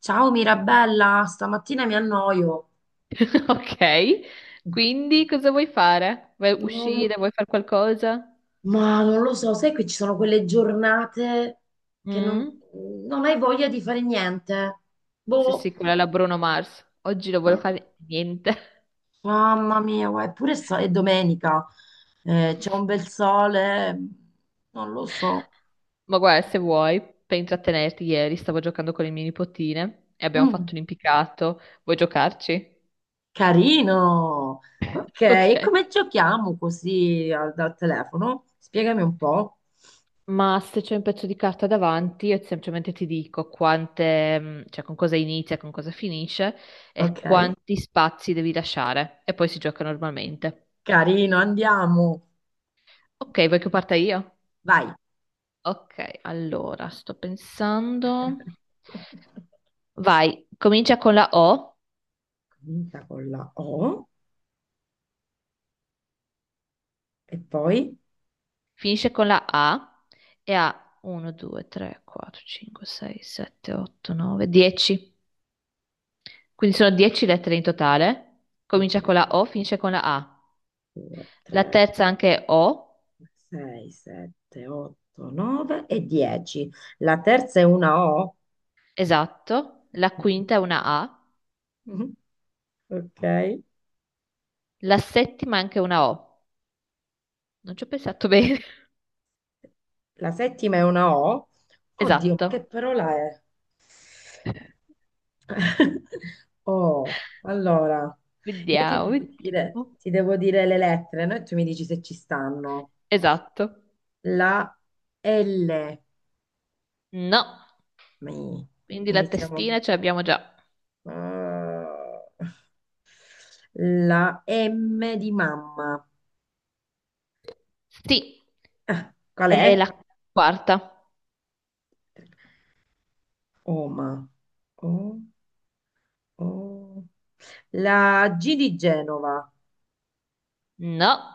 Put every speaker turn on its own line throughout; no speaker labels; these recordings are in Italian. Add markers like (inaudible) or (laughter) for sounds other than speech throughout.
Ciao Mirabella, stamattina mi annoio.
(laughs) Ok, quindi cosa vuoi fare? Vuoi
Non-
uscire? Vuoi fare qualcosa?
ma non lo so, sai che ci sono quelle giornate che non,
Mm?
non hai voglia di fare niente.
Sì,
Boh,
sì, quella è la Bruno Mars. Oggi non voglio
ma-
fare niente.
mamma mia, guarda, eppure è domenica, c'è un bel sole, non lo so.
(laughs) Ma guarda, se vuoi, per intrattenerti, ieri stavo giocando con le mie nipotine e abbiamo
Mm,
fatto un impiccato. Vuoi giocarci? (laughs)
carino. Ok,
Ok.
e come giochiamo così dal telefono? Spiegami un po'.
Ma se c'è un pezzo di carta davanti, io semplicemente ti dico quante, cioè con cosa inizia, con cosa finisce e
Ok,
quanti spazi devi lasciare. E poi si gioca normalmente.
carino, andiamo.
Ok, vuoi che parta io?
Vai.
Ok, allora sto pensando.
(laughs)
Vai, comincia con la O,
Comincia con la O e poi,
finisce con la A e ha 1, 2, 3, 4, 5, 6, 7, 8, 9, 10. Quindi sono 10 lettere in totale.
ok,
Comincia con la O, finisce con la A.
2,
La
3,
terza anche è O,
6, 7, 8, 9 e 10. La terza è una O.
esatto. La
Ok.
quinta è una A.
Mhm. Ok.
La settima è anche una O. Non ci ho pensato bene. (laughs)
La settima è una O. Oddio, ma che
Esatto.
parola è? (laughs) Oh, allora, io
Vediamo, vediamo.
ti devo dire le lettere, no? E tu mi dici se ci stanno.
Esatto.
La L.
No.
Mi.
Quindi la
Iniziamo.
testina ce l'abbiamo già.
Ah, la M di mamma.
Sì,
Qual
e
è?
la quarta.
Oma. O, o. La G di Genova.
No,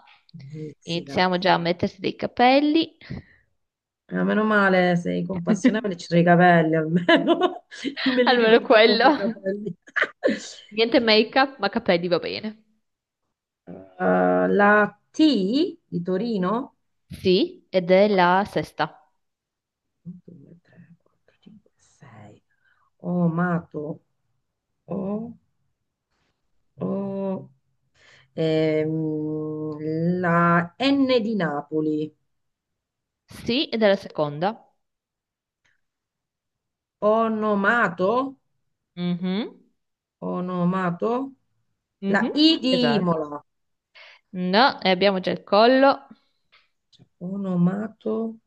Mizzica.
iniziamo già a mettersi dei capelli.
Ah, meno male, sei compassionevole, ci
(laughs)
sono i capelli almeno. (laughs) Non me li
Almeno
ricordavo quei
quello.
capelli. (laughs)
Niente make-up, ma capelli va bene.
Eh, la T di Torino.
Sì, ed è la sesta.
1, 2, 3, 4, 5, 6. Omato. O, o. La N di Napoli,
Sì, ed è la seconda.
onomato,
Mhm,
onomato, la
mhm,
I di
esatto.
Imola,
No, e abbiamo già il collo.
cioè, onomato,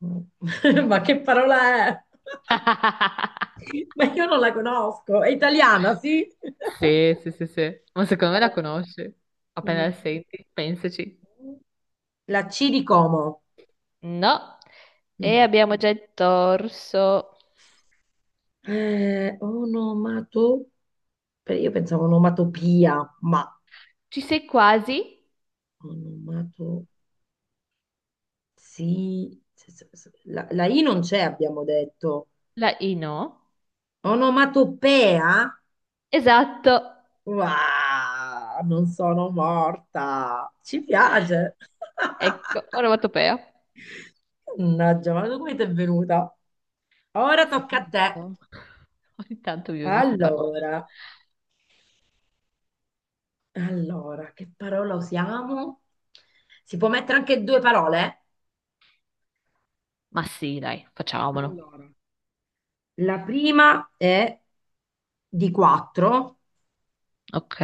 (laughs) ma che parola è? (laughs)
(laughs)
Ma io non la conosco, è italiana, sì? (laughs)
Sì, sì, sì, sì. Ma secondo me la conosci. Appena la
No.
senti, pensaci.
La C di Como.
No, e
Mi.
abbiamo già il torso.
Onomato, beh, io pensavo onomatopia, ma
Ci sei quasi?
onomato. Sì, la I non c'è, abbiamo detto.
La I no?
Onomatopea?
Esatto,
Wow, non sono morta. Ci piace. (laughs)
ecco, onomatopea.
Mannaggia, ma come ti è venuta? Ora
Sai che
tocca a te.
non so? Ogni tanto mi vengono queste parole.
Allora, allora, che parola usiamo? Si può mettere anche due parole?
Ma sì, dai, facciamolo.
Allora, la prima è di quattro.
Ok.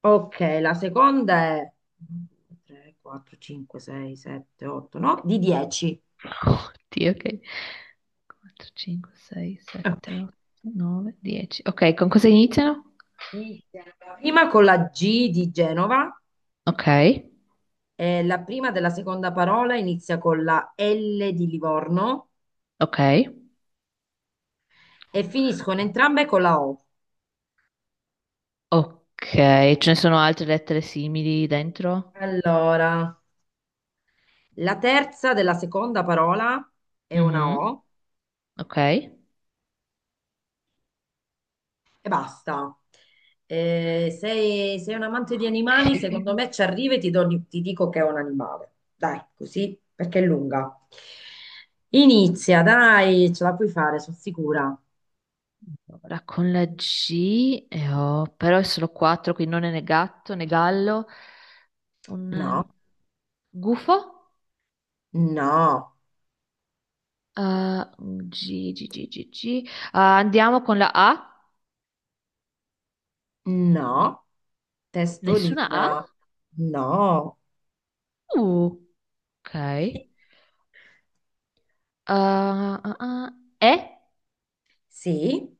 Ok, la seconda è 3, 4, 5, 6, 7, 8, 9, di 10.
Oddio, ok. 4, 5, 6,
Ok.
7, 8, 9, 10. Ok, con cosa iniziano?
Di Genova. Prima con la G di Genova,
Ok,
la prima della seconda parola inizia con la L di Livorno
ok,
e finiscono entrambe con la O.
ok. Ce ne sono altre lettere simili dentro?
Allora, la terza della seconda parola è una
Mhm,
O
ok.
e basta. Sei un amante di
Ok.
animali, secondo me ci arrivi e ti dico che è un animale. Dai, così, perché è lunga. Inizia, dai, ce la puoi fare, sono sicura.
Ora con la G e ho, però è solo quattro, quindi non è né gatto né gallo. Un
No,
gufo?
no,
Ah, G, G, G, G, G. Ah, andiamo con la A.
no,
Nessuna A?
testolina, no.
Uh, ok. Ah, ah, ah. E?
Sì,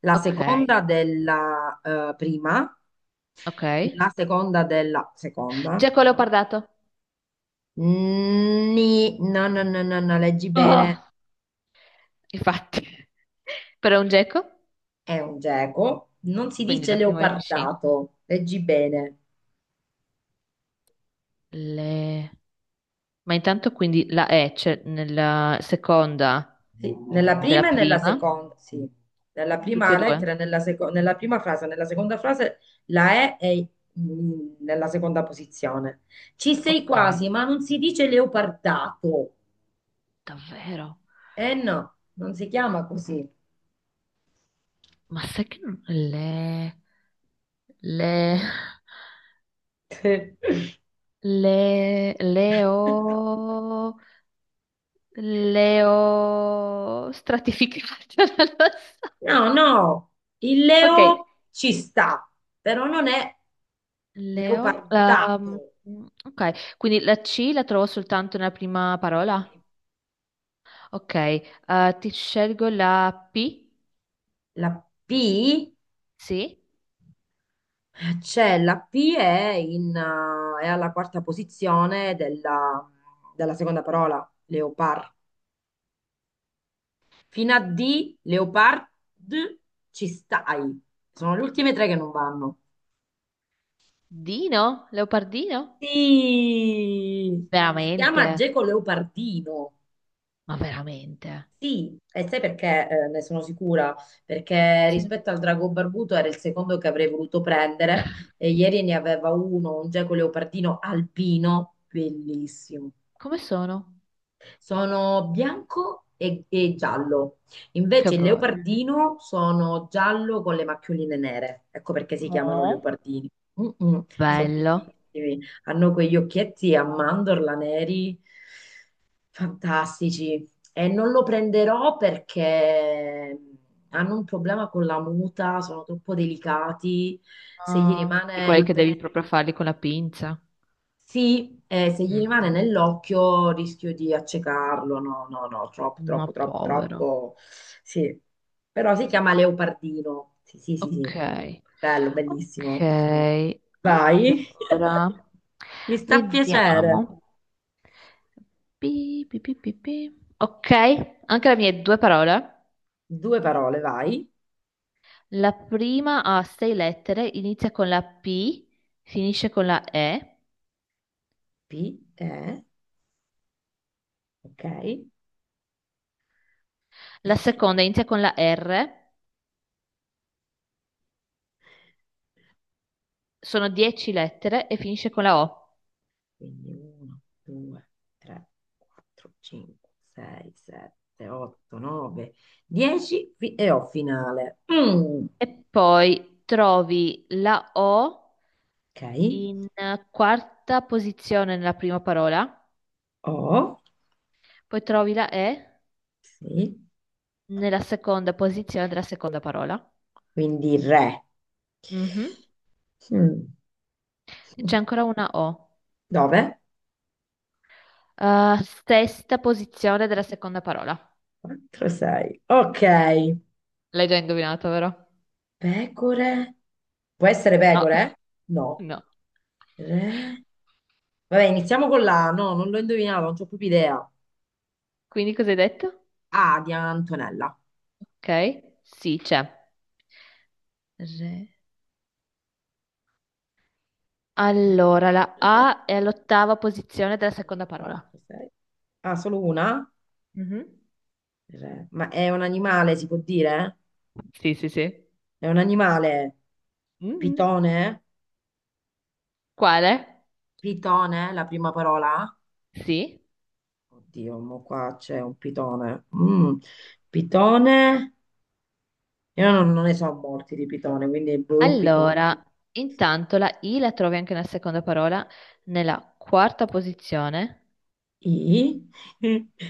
la
Ok,
seconda della prima,
ok.
la seconda della seconda.
Geco leopardato.
No, no, no, no, no, leggi bene.
Oh, infatti. (laughs) Però è un geco,
È un geco, non si
quindi
dice
la prima è C.
leopardato, leggi bene.
Le- Ma intanto quindi la E c'è nella seconda
Sì, nella
della
prima e nella
prima.
seconda, sì. Nella
Tutti
prima
e
lettera, e
due?
nella prima frase, nella seconda frase la E nella seconda posizione. Ci sei
Ok.
quasi, ma non si dice leopardato.
Davvero?
Eh no, non si chiama così.
Ma sai che non... le...
(laughs)
leo... stratificate, (laughs) non lo so.
No, no, il
Ok,
leo ci sta, però non è
leo... ehm,
leopardato.
ok, quindi la C la trovo soltanto nella prima parola? Ok, ti scelgo la P?
La P.
Sì?
C'è la P è alla quarta posizione della seconda parola, leopard. Fino a D, leopard, ci stai. Sono le ultime tre che non vanno.
Dino? Leopardino? No.
Sì, si
Veramente?
chiama geco leopardino.
Ma veramente?
Sì, e sai perché ne sono sicura? Perché
Sì.
rispetto al drago barbuto era il secondo che avrei voluto prendere e ieri ne aveva uno, un geco leopardino alpino, bellissimo.
Come sono?
Sono bianco e giallo.
Che
Invece il
bello.
leopardino sono giallo con le macchioline nere. Ecco perché si chiamano
Oh,
leopardini. Mm-mm, sono
bello.
bellissimi. Hanno quegli occhietti a mandorla neri, fantastici. E non lo prenderò perché hanno un problema con la muta, sono troppo delicati. Se gli
Ah, di
rimane
quelli
il
che
pezzettino
devi proprio farli con la pinza.
sì, se gli rimane
Mm,
nell'occhio rischio di accecarlo, no, no, no, troppo,
ma
troppo, troppo,
povero.
troppo, sì. Però si chiama leopardino, sì, sì, sì, sì,
Ok.
bello,
Ok.
bellissimo. Vai,
Allora,
(laughs) mi sta a piacere.
vediamo. Pi, pi, pi, pi, pi. Ok, anche le mie due parole.
Due parole, vai.
La prima ha sei lettere, inizia con la P, finisce con la E.
P, E, ok.
La seconda inizia con la R, sono 10 lettere e finisce con la O.
Quindi 1, 2, 3, 4, 5, 6, 7, 8, 9, 10 e ho finale. Mm,
E poi trovi la O
ok.
in quarta posizione nella prima parola,
O.
poi trovi la E
Sì,
nella seconda posizione della seconda parola.
quindi re.
Mhm.
Mm.
C'è ancora una O.
9,
Eh, sesta posizione della seconda parola.
4, 6. Ok,
L'hai già indovinato, vero?
pecore. Può essere
No,
pecore? No.
no.
Re. Vabbè, iniziamo con la A. No, non l'ho indovinato, non ho proprio idea.
Quindi cosa hai detto?
A di Antonella.
Ok, sì, c'è. Re- Allora, la A è all'ottava posizione della seconda parola.
4, 6. Ah, solo una?
Mhm.
Re. Ma è un animale, si può dire?
Sì, sì, sì.
È un animale.
Mhm.
Pitone?
Quale?
Pitone, la prima parola?
Sì.
Oddio, mo qua c'è un pitone. Mm. Pitone. Io non ne so molti di Pitone, quindi boh, Pitone.
Allora, intanto la I la trovi anche nella seconda parola, nella quarta posizione,
I. (laughs)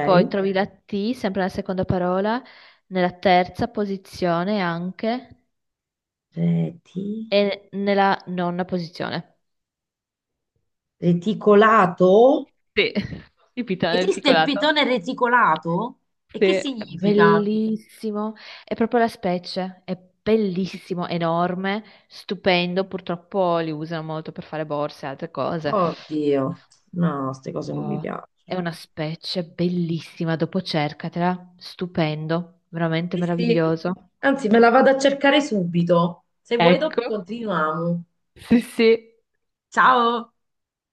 poi trovi la T sempre nella seconda parola, nella terza posizione anche
Reti.
e nella nona posizione.
Reticolato?
Sì, (laughs) il pitone
Esiste il
articolato.
pitone reticolato? E
Sì.
che
È
significa?
bellissimo, è proprio la specie, è bellissimo, enorme, stupendo. Purtroppo li usano molto per fare borse e altre cose.
Oddio. No, queste cose non mi
Oh,
piacciono.
è una specie bellissima, dopo cercatela, stupendo, veramente
Sì, sì.
meraviglioso.
Anzi, me la vado a cercare subito. Se vuoi, dopo
Ecco,
continuiamo.
sì, sì.
Ciao!